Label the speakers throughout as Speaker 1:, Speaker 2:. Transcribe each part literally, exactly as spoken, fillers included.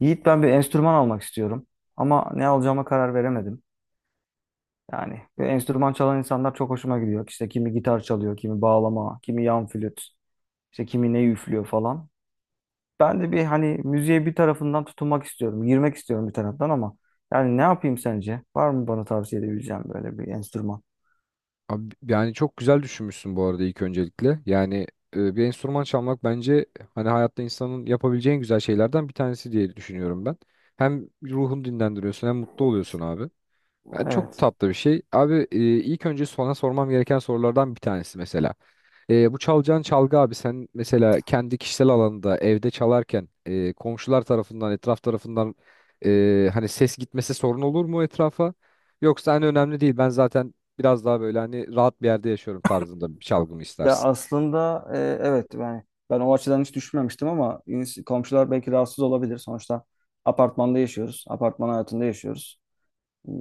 Speaker 1: Yiğit ben bir enstrüman almak istiyorum ama ne alacağıma karar veremedim. Yani bir enstrüman çalan insanlar çok hoşuma gidiyor. İşte kimi gitar çalıyor, kimi bağlama, kimi yan flüt, işte kimi ne üflüyor falan. Ben de bir hani müziğe bir tarafından tutunmak istiyorum, girmek istiyorum bir taraftan ama yani ne yapayım sence? Var mı bana tavsiye edebileceğim böyle bir enstrüman?
Speaker 2: Abi, yani çok güzel düşünmüşsün bu arada ilk öncelikle. Yani e, bir enstrüman çalmak bence hani hayatta insanın yapabileceği en güzel şeylerden bir tanesi diye düşünüyorum ben. Hem ruhunu dinlendiriyorsun hem mutlu oluyorsun abi. Yani çok
Speaker 1: Evet.
Speaker 2: tatlı bir şey. Abi e, ilk önce sana sormam gereken sorulardan bir tanesi mesela. Ee, bu çalacağın çalgı abi sen mesela kendi kişisel alanında evde çalarken e, komşular tarafından etraf tarafından e, hani ses gitmesi sorun olur mu etrafa? Yoksa hani önemli değil, ben zaten biraz daha böyle hani rahat bir yerde yaşıyorum tarzında bir çalgı mı
Speaker 1: Ya
Speaker 2: istersin?
Speaker 1: aslında e, evet yani ben o açıdan hiç düşünmemiştim ama ins- komşular belki rahatsız olabilir. Sonuçta apartmanda yaşıyoruz, apartman hayatında yaşıyoruz.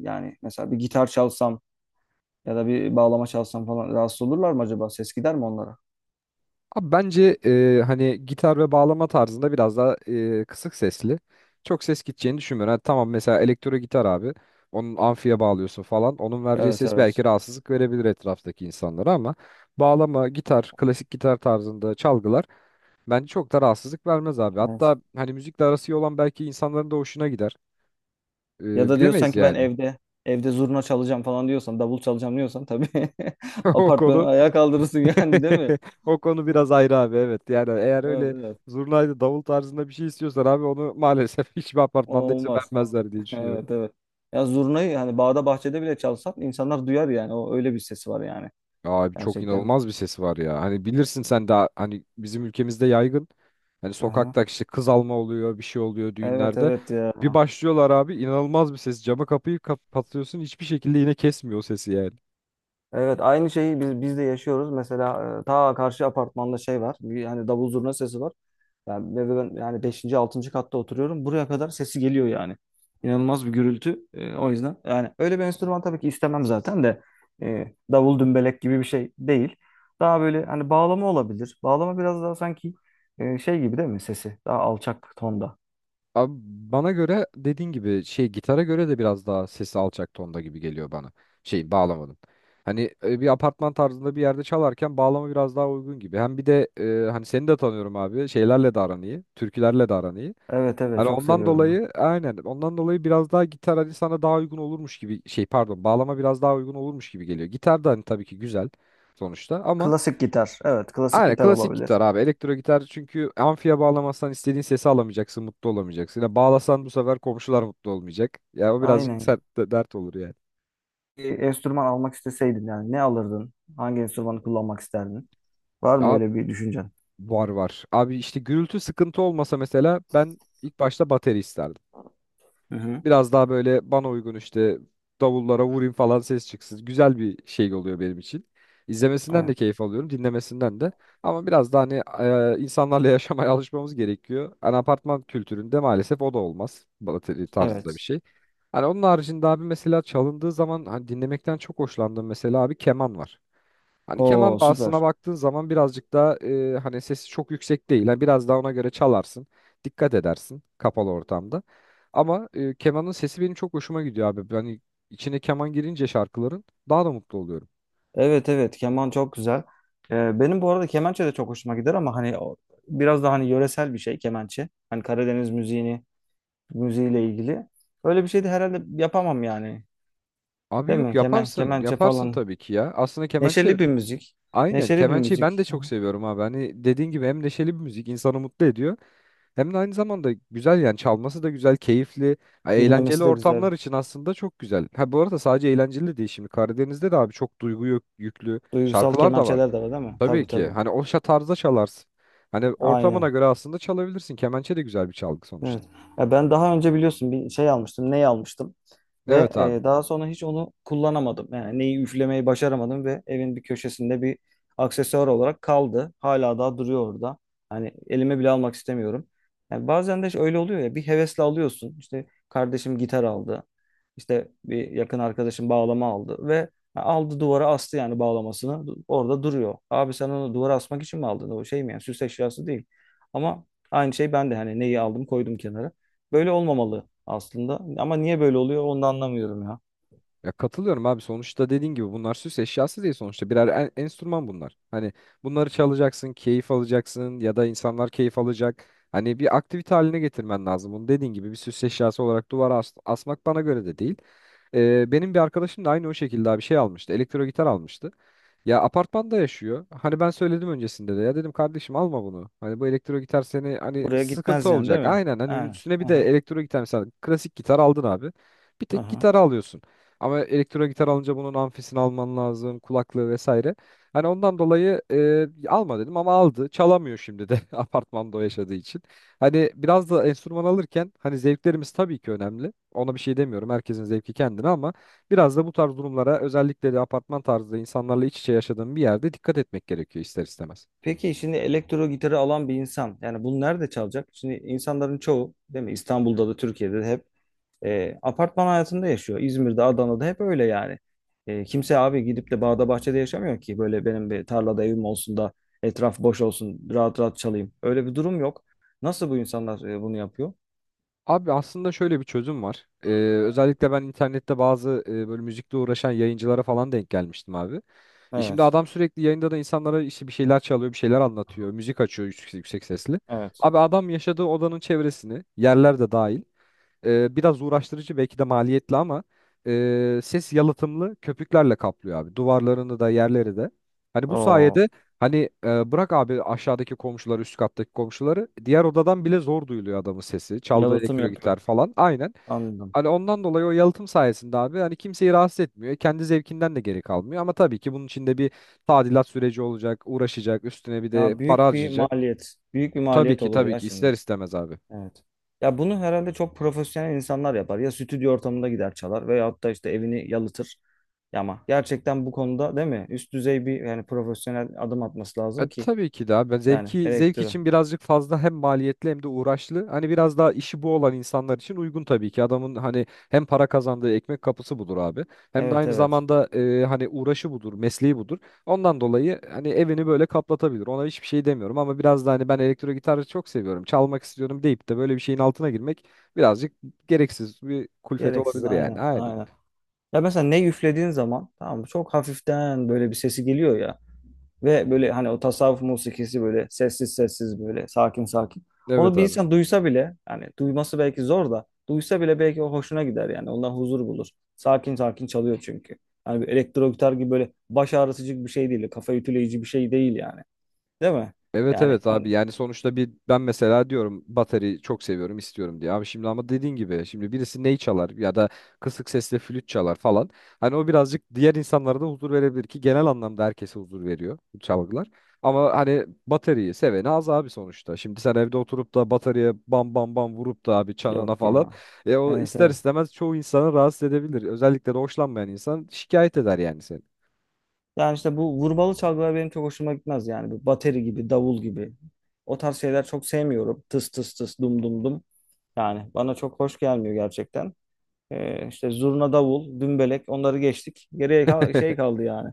Speaker 1: Yani mesela bir gitar çalsam ya da bir bağlama çalsam falan rahatsız olurlar mı acaba? Ses gider mi onlara?
Speaker 2: Abi bence e, hani gitar ve bağlama tarzında biraz daha e, kısık sesli. Çok ses gideceğini düşünmüyorum. Hani tamam, mesela elektro gitar abi. Onun amfiye bağlıyorsun falan. Onun vereceği
Speaker 1: Evet,
Speaker 2: ses
Speaker 1: evet.
Speaker 2: belki rahatsızlık verebilir etraftaki insanlara ama bağlama, gitar, klasik gitar tarzında çalgılar bence çok da rahatsızlık vermez abi.
Speaker 1: Evet.
Speaker 2: Hatta hani müzikle arası iyi olan belki insanların da hoşuna gider. E,
Speaker 1: Ya da diyorsan
Speaker 2: bilemeyiz
Speaker 1: ki ben
Speaker 2: yani.
Speaker 1: evde evde zurna çalacağım falan diyorsan, davul çalacağım diyorsan tabii
Speaker 2: O
Speaker 1: apartmanı
Speaker 2: konu
Speaker 1: ayağa kaldırırsın yani değil mi?
Speaker 2: O konu biraz ayrı abi, evet. Yani eğer
Speaker 1: Evet,
Speaker 2: öyle
Speaker 1: evet.
Speaker 2: zurnaydı davul tarzında bir şey istiyorsan abi onu maalesef hiçbir
Speaker 1: O
Speaker 2: apartmanda izin
Speaker 1: olmaz.
Speaker 2: vermezler diye düşünüyorum.
Speaker 1: Evet, evet. Ya zurnayı hani bağda bahçede bile çalsan insanlar duyar yani. O öyle bir sesi var yani.
Speaker 2: Abi çok
Speaker 1: Gerçekten.
Speaker 2: inanılmaz bir sesi var ya. Hani bilirsin sen, daha hani bizim ülkemizde yaygın. Hani
Speaker 1: Aha.
Speaker 2: sokakta işte kız alma oluyor, bir şey oluyor
Speaker 1: Evet,
Speaker 2: düğünlerde.
Speaker 1: evet ya.
Speaker 2: Bir başlıyorlar abi, inanılmaz bir ses. Camı kapıyı kapatıyorsun, hiçbir şekilde yine kesmiyor o sesi yani.
Speaker 1: Evet aynı şeyi biz, biz de yaşıyoruz. Mesela e, ta karşı apartmanda şey var. Bir, yani davul zurna sesi var. Yani, ve ve ben yani beşinci altıncı katta oturuyorum. Buraya kadar sesi geliyor yani. İnanılmaz bir gürültü. E, o yüzden yani öyle bir enstrüman tabii ki istemem zaten de e, davul dümbelek gibi bir şey değil. Daha böyle hani bağlama olabilir. Bağlama biraz daha sanki e, şey gibi değil mi sesi? Daha alçak tonda.
Speaker 2: Abi bana göre dediğin gibi şey, gitara göre de biraz daha sesi alçak tonda gibi geliyor bana. Şeyin, bağlamanın. Hani e, bir apartman tarzında bir yerde çalarken bağlama biraz daha uygun gibi. Hem bir de e, hani seni de tanıyorum abi. Şeylerle de aran iyi. Türkülerle de aran iyi.
Speaker 1: Evet, evet
Speaker 2: Hani
Speaker 1: çok
Speaker 2: ondan
Speaker 1: seviyorum ben.
Speaker 2: dolayı, aynen, ondan dolayı biraz daha gitar hani sana daha uygun olurmuş gibi, şey pardon, bağlama biraz daha uygun olurmuş gibi geliyor. Gitar da hani tabii ki güzel sonuçta ama
Speaker 1: Klasik gitar. Evet klasik
Speaker 2: aynen
Speaker 1: gitar
Speaker 2: klasik
Speaker 1: olabilir.
Speaker 2: gitar abi. Elektro gitar çünkü amfiye bağlamazsan istediğin sesi alamayacaksın, mutlu olamayacaksın. Ya bağlasan bu sefer komşular mutlu olmayacak. Ya o birazcık
Speaker 1: Aynen
Speaker 2: sert de- dert olur yani.
Speaker 1: bir enstrüman almak isteseydin yani ne alırdın? Hangi enstrümanı kullanmak isterdin? Var mı
Speaker 2: Ya
Speaker 1: öyle bir düşüncen?
Speaker 2: var var. Abi işte gürültü sıkıntı olmasa mesela ben ilk başta bateri isterdim.
Speaker 1: Hı hı.
Speaker 2: Biraz daha böyle bana uygun işte, davullara vurayım falan, ses çıksın. Güzel bir şey oluyor benim için. İzlemesinden de
Speaker 1: Evet.
Speaker 2: keyif alıyorum, dinlemesinden de. Ama biraz daha hani e, insanlarla yaşamaya alışmamız gerekiyor. Hani apartman kültüründe maalesef o da olmaz. Balateli tarzında bir
Speaker 1: Evet.
Speaker 2: şey. Hani onun haricinde abi mesela çalındığı zaman hani dinlemekten çok hoşlandığım mesela abi, keman var. Hani
Speaker 1: Oo
Speaker 2: keman bağısına
Speaker 1: süper.
Speaker 2: baktığın zaman birazcık daha e, hani sesi çok yüksek değil. Yani biraz daha ona göre çalarsın. Dikkat edersin kapalı ortamda. Ama e, kemanın sesi benim çok hoşuma gidiyor abi. Hani içine keman girince şarkıların daha da mutlu oluyorum.
Speaker 1: Evet, evet keman çok güzel. Ee, benim bu arada kemençe de çok hoşuma gider ama hani o- biraz daha hani yöresel bir şey kemençe. Hani Karadeniz müziğini müziğiyle ilgili. Öyle bir şey de herhalde yapamam yani.
Speaker 2: Abi
Speaker 1: Değil
Speaker 2: yok,
Speaker 1: mi? Kemen,
Speaker 2: yaparsın.
Speaker 1: kemençe
Speaker 2: Yaparsın
Speaker 1: falan.
Speaker 2: tabii ki ya. Aslında kemençe,
Speaker 1: Neşeli bir müzik.
Speaker 2: aynen,
Speaker 1: Neşeli bir
Speaker 2: kemençeyi ben de
Speaker 1: müzik.
Speaker 2: çok seviyorum abi. Hani dediğin gibi, hem neşeli bir müzik, insanı mutlu ediyor. Hem de aynı zamanda güzel, yani çalması da güzel, keyifli, ha, eğlenceli
Speaker 1: Dinlemesi de güzel.
Speaker 2: ortamlar için aslında çok güzel. Ha bu arada sadece eğlenceli değil, şimdi Karadeniz'de de abi çok duygu yük- yüklü
Speaker 1: Duygusal
Speaker 2: şarkılar da var.
Speaker 1: kemençeler de var değil mi?
Speaker 2: Tabii
Speaker 1: Tabii,
Speaker 2: ki
Speaker 1: tabii.
Speaker 2: hani o şa- tarzda çalarsın. Hani ortamına
Speaker 1: Aynen.
Speaker 2: göre aslında çalabilirsin. Kemençe de güzel bir çalgı sonuçta.
Speaker 1: Evet. Ya ben daha önce biliyorsun bir şey almıştım, ney almıştım ve
Speaker 2: Evet abi.
Speaker 1: e, daha sonra hiç onu kullanamadım. Yani neyi üflemeyi başaramadım ve evin bir köşesinde bir aksesuar olarak kaldı. Hala daha duruyor orada. Hani elime bile almak istemiyorum. Yani bazen de işte öyle oluyor ya bir hevesle alıyorsun. İşte kardeşim gitar aldı. İşte bir yakın arkadaşım bağlama aldı ve aldı duvara astı yani bağlamasını. Orada duruyor. Abi sen onu duvara asmak için mi aldın? O şey mi yani süs eşyası değil. Ama aynı şey ben de hani neyi aldım koydum kenara. Böyle olmamalı aslında. Ama niye böyle oluyor onu da anlamıyorum ya.
Speaker 2: Ya katılıyorum abi, sonuçta dediğin gibi bunlar süs eşyası değil, sonuçta birer en- enstrüman bunlar. Hani bunları çalacaksın, keyif alacaksın ya da insanlar keyif alacak. Hani bir aktivite haline getirmen lazım. Bunu dediğin gibi bir süs eşyası olarak duvara as- asmak bana göre de değil. Ee, benim bir arkadaşım da aynı o şekilde bir şey almıştı. Elektro gitar almıştı. Ya apartmanda yaşıyor. Hani ben söyledim öncesinde de. Ya dedim kardeşim, alma bunu. Hani bu elektro gitar seni hani
Speaker 1: Buraya
Speaker 2: sıkıntı
Speaker 1: gitmez yani değil
Speaker 2: olacak.
Speaker 1: mi?
Speaker 2: Aynen, hani
Speaker 1: Ha,
Speaker 2: üstüne bir de
Speaker 1: aha,
Speaker 2: elektro gitar, mesela klasik gitar aldın abi. Bir tek
Speaker 1: aha.
Speaker 2: gitarı alıyorsun. Ama elektro gitar alınca bunun amfisini alman lazım, kulaklığı vesaire. Hani ondan dolayı e, alma dedim ama aldı. Çalamıyor şimdi de apartmanda o yaşadığı için. Hani biraz da enstrüman alırken hani zevklerimiz tabii ki önemli. Ona bir şey demiyorum. Herkesin zevki kendine ama biraz da bu tarz durumlara, özellikle de apartman tarzı insanlarla iç içe yaşadığım bir yerde, dikkat etmek gerekiyor ister istemez.
Speaker 1: Peki şimdi elektro gitarı alan bir insan yani bunu nerede çalacak? Şimdi insanların çoğu değil mi İstanbul'da da Türkiye'de de hep e, apartman hayatında yaşıyor. İzmir'de Adana'da hep öyle yani. E, kimse abi gidip de bağda bahçede yaşamıyor ki böyle benim bir tarlada evim olsun da etraf boş olsun rahat rahat çalayım. Öyle bir durum yok. Nasıl bu insanlar e, bunu yapıyor?
Speaker 2: Abi aslında şöyle bir çözüm var. Ee, Özellikle ben internette bazı e, böyle müzikle uğraşan yayıncılara falan denk gelmiştim abi. E şimdi
Speaker 1: Evet.
Speaker 2: adam sürekli yayında da insanlara işte bir şeyler çalıyor, bir şeyler anlatıyor, müzik açıyor yüksek, yüksek sesli.
Speaker 1: Evet.
Speaker 2: Abi adam yaşadığı odanın çevresini, yerler de dahil, E, biraz uğraştırıcı belki de maliyetli ama e, ses yalıtımlı köpüklerle kaplıyor abi. Duvarlarını da, yerleri de. Hani bu
Speaker 1: Oo,
Speaker 2: sayede hani e, bırak abi aşağıdaki komşuları, üst kattaki komşuları, diğer odadan bile zor duyuluyor adamın sesi. Çaldığı
Speaker 1: yalıtım
Speaker 2: elektro
Speaker 1: yapıyor.
Speaker 2: gitar falan, aynen.
Speaker 1: Anladım.
Speaker 2: Hani ondan dolayı o yalıtım sayesinde abi hani kimseyi rahatsız etmiyor. Kendi zevkinden de geri kalmıyor ama tabii ki bunun içinde bir tadilat süreci olacak, uğraşacak, üstüne bir de
Speaker 1: Ya
Speaker 2: para
Speaker 1: büyük bir
Speaker 2: harcayacak.
Speaker 1: maliyet. Büyük
Speaker 2: E,
Speaker 1: bir
Speaker 2: tabii
Speaker 1: maliyet
Speaker 2: ki
Speaker 1: olur
Speaker 2: tabii
Speaker 1: ya
Speaker 2: ki,
Speaker 1: şimdi.
Speaker 2: ister istemez abi.
Speaker 1: Evet. Ya bunu herhalde çok profesyonel insanlar yapar. Ya stüdyo ortamında gider çalar veyahut da işte evini yalıtır. Ya ama gerçekten bu konuda değil mi? Üst düzey bir yani profesyonel adım atması
Speaker 2: E,
Speaker 1: lazım ki
Speaker 2: tabii ki de abi. Ben
Speaker 1: yani
Speaker 2: zevki zevk
Speaker 1: elektro.
Speaker 2: için birazcık fazla, hem maliyetli hem de uğraşlı. Hani biraz daha işi bu olan insanlar için uygun tabii ki. Adamın hani hem para kazandığı ekmek kapısı budur abi. Hem de
Speaker 1: Evet,
Speaker 2: aynı
Speaker 1: evet.
Speaker 2: zamanda e, hani uğraşı budur, mesleği budur. Ondan dolayı hani evini böyle kaplatabilir. Ona hiçbir şey demiyorum ama biraz da hani, ben elektro gitarı çok seviyorum, çalmak istiyorum deyip de böyle bir şeyin altına girmek birazcık gereksiz bir kulfet
Speaker 1: Gereksiz
Speaker 2: olabilir yani.
Speaker 1: aynen,
Speaker 2: Aynen.
Speaker 1: aynen. Ya mesela ne üflediğin zaman tamam mı? Çok hafiften böyle bir sesi geliyor ya. Ve böyle hani o tasavvuf musikisi böyle sessiz sessiz böyle sakin sakin. Onu
Speaker 2: Evet
Speaker 1: bir
Speaker 2: abi.
Speaker 1: insan duysa bile yani duyması belki zor da duysa bile belki o hoşuna gider yani ondan huzur bulur. Sakin sakin çalıyor çünkü. Yani bir elektro gitar gibi böyle baş ağrıtıcı bir şey değil. Kafa ütüleyici bir şey değil yani. Değil mi?
Speaker 2: Evet
Speaker 1: Yani
Speaker 2: evet
Speaker 1: hı,
Speaker 2: abi, yani sonuçta bir ben mesela diyorum bateri çok seviyorum istiyorum diye. Abi şimdi ama dediğin gibi, şimdi birisi ney çalar ya da kısık sesle flüt çalar falan. Hani o birazcık diğer insanlara da huzur verebilir ki genel anlamda herkese huzur veriyor bu çalgılar. Ama hani bateriyi seveni az abi sonuçta. Şimdi sen evde oturup da bataryaya bam bam bam vurup da abi, çanına
Speaker 1: yok
Speaker 2: falan.
Speaker 1: ya.
Speaker 2: E o
Speaker 1: Evet,
Speaker 2: ister
Speaker 1: evet.
Speaker 2: istemez çoğu insanı rahatsız edebilir. Özellikle de hoşlanmayan insan şikayet eder yani seni.
Speaker 1: Yani işte bu vurmalı çalgılar benim çok hoşuma gitmez yani. Bu bateri gibi, davul gibi. O tarz şeyler çok sevmiyorum. Tıs tıs tıs dum dum dum. Yani bana çok hoş gelmiyor gerçekten. Ee, işte zurna davul, dümbelek onları geçtik. Geriye kal- şey kaldı yani.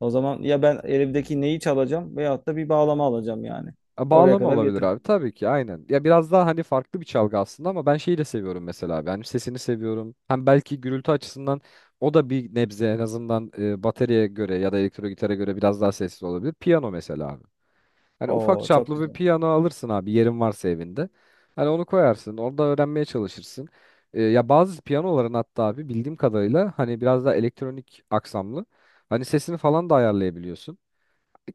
Speaker 1: O zaman ya ben elimdeki neyi çalacağım veyahut da bir bağlama alacağım yani.
Speaker 2: E,
Speaker 1: Oraya
Speaker 2: bağlama
Speaker 1: kadar
Speaker 2: olabilir
Speaker 1: getir.
Speaker 2: abi tabii ki, aynen. Ya biraz daha hani farklı bir çalgı aslında ama ben şeyi de seviyorum mesela abi. Hani sesini seviyorum. Hem belki gürültü açısından o da bir nebze en azından e, bataryaya göre ya da elektro gitara göre biraz daha sessiz olabilir. Piyano mesela abi. Hani ufak
Speaker 1: Oo çok
Speaker 2: çaplı bir
Speaker 1: güzel.
Speaker 2: piyano alırsın abi, yerin varsa evinde. Hani onu koyarsın orada, öğrenmeye çalışırsın. E, ya bazı piyanoların hatta abi, bildiğim kadarıyla hani biraz daha elektronik aksamlı. Hani sesini falan da ayarlayabiliyorsun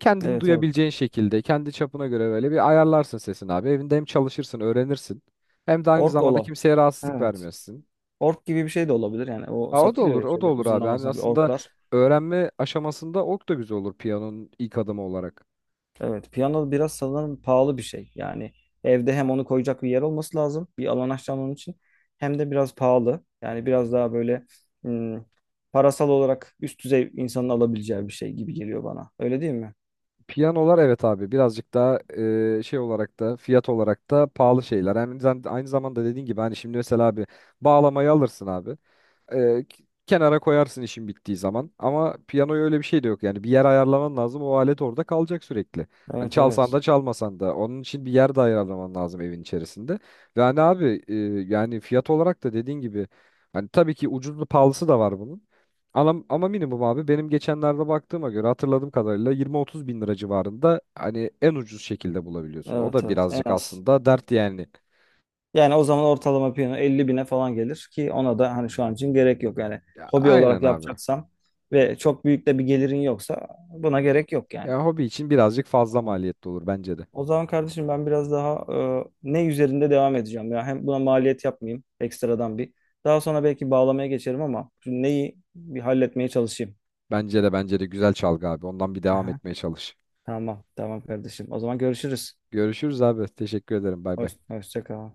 Speaker 2: kendini
Speaker 1: Evet, evet.
Speaker 2: duyabileceğin şekilde, kendi çapına göre böyle bir ayarlarsın sesini abi. Evinde hem çalışırsın, öğrenirsin. Hem de aynı
Speaker 1: Ork
Speaker 2: zamanda
Speaker 1: ola.
Speaker 2: kimseye rahatsızlık
Speaker 1: Evet.
Speaker 2: vermiyorsun.
Speaker 1: Ork gibi bir şey de olabilir yani. O
Speaker 2: Ha, o da
Speaker 1: satılıyor
Speaker 2: olur,
Speaker 1: ya
Speaker 2: o da
Speaker 1: şöyle
Speaker 2: olur abi. Yani
Speaker 1: uzunlamasına bir
Speaker 2: aslında
Speaker 1: orklar.
Speaker 2: öğrenme aşamasında ok da güzel olur, piyanonun ilk adımı olarak.
Speaker 1: Evet, piyano biraz sanırım pahalı bir şey. Yani evde hem onu koyacak bir yer olması lazım, bir alan açacağım onun için. Hem de biraz pahalı. Yani biraz daha böyle hmm, parasal olarak üst düzey insanın alabileceği bir şey gibi geliyor bana. Öyle değil mi?
Speaker 2: Piyanolar evet abi birazcık daha e, şey olarak da fiyat olarak da pahalı şeyler. Yani aynı zam- aynı zamanda dediğin gibi hani şimdi mesela abi bağlamayı alırsın abi. Ee, k- kenara koyarsın işin bittiği zaman. Ama piyanoya öyle bir şey de yok. Yani bir yer ayarlaman lazım. O alet orada kalacak sürekli. Hani
Speaker 1: Evet,
Speaker 2: çalsan
Speaker 1: evet.
Speaker 2: da çalmasan da. Onun için bir yer de ayarlaman lazım evin içerisinde. Ve hani abi e, yani fiyat olarak da dediğin gibi hani tabii ki ucuzlu pahalısı da var bunun. Ama, ama minimum abi, benim geçenlerde baktığıma göre hatırladığım kadarıyla yirmi otuz bin lira civarında hani en ucuz şekilde bulabiliyorsun. O
Speaker 1: Evet,
Speaker 2: da
Speaker 1: evet. En
Speaker 2: birazcık
Speaker 1: az.
Speaker 2: aslında dert yani.
Speaker 1: Yani o zaman ortalama piyano elli bine falan gelir ki ona da hani şu an için gerek yok. Yani
Speaker 2: Ya,
Speaker 1: hobi olarak
Speaker 2: aynen abi.
Speaker 1: yapacaksam ve çok büyük de bir gelirin yoksa buna gerek yok yani.
Speaker 2: Ya hobi için birazcık fazla
Speaker 1: Tamam.
Speaker 2: maliyetli olur bence de.
Speaker 1: O zaman kardeşim ben biraz daha e, ne üzerinde devam edeceğim ya hem buna maliyet yapmayayım ekstradan bir. Daha sonra belki bağlamaya geçerim ama şu neyi bir halletmeye çalışayım.
Speaker 2: Bence de bence de güzel çalgı abi. Ondan bir devam
Speaker 1: Aha,
Speaker 2: etmeye çalış.
Speaker 1: tamam, tamam kardeşim. O zaman görüşürüz.
Speaker 2: Görüşürüz abi. Teşekkür ederim. Bay
Speaker 1: Hoş,
Speaker 2: bay.
Speaker 1: hoşça kal.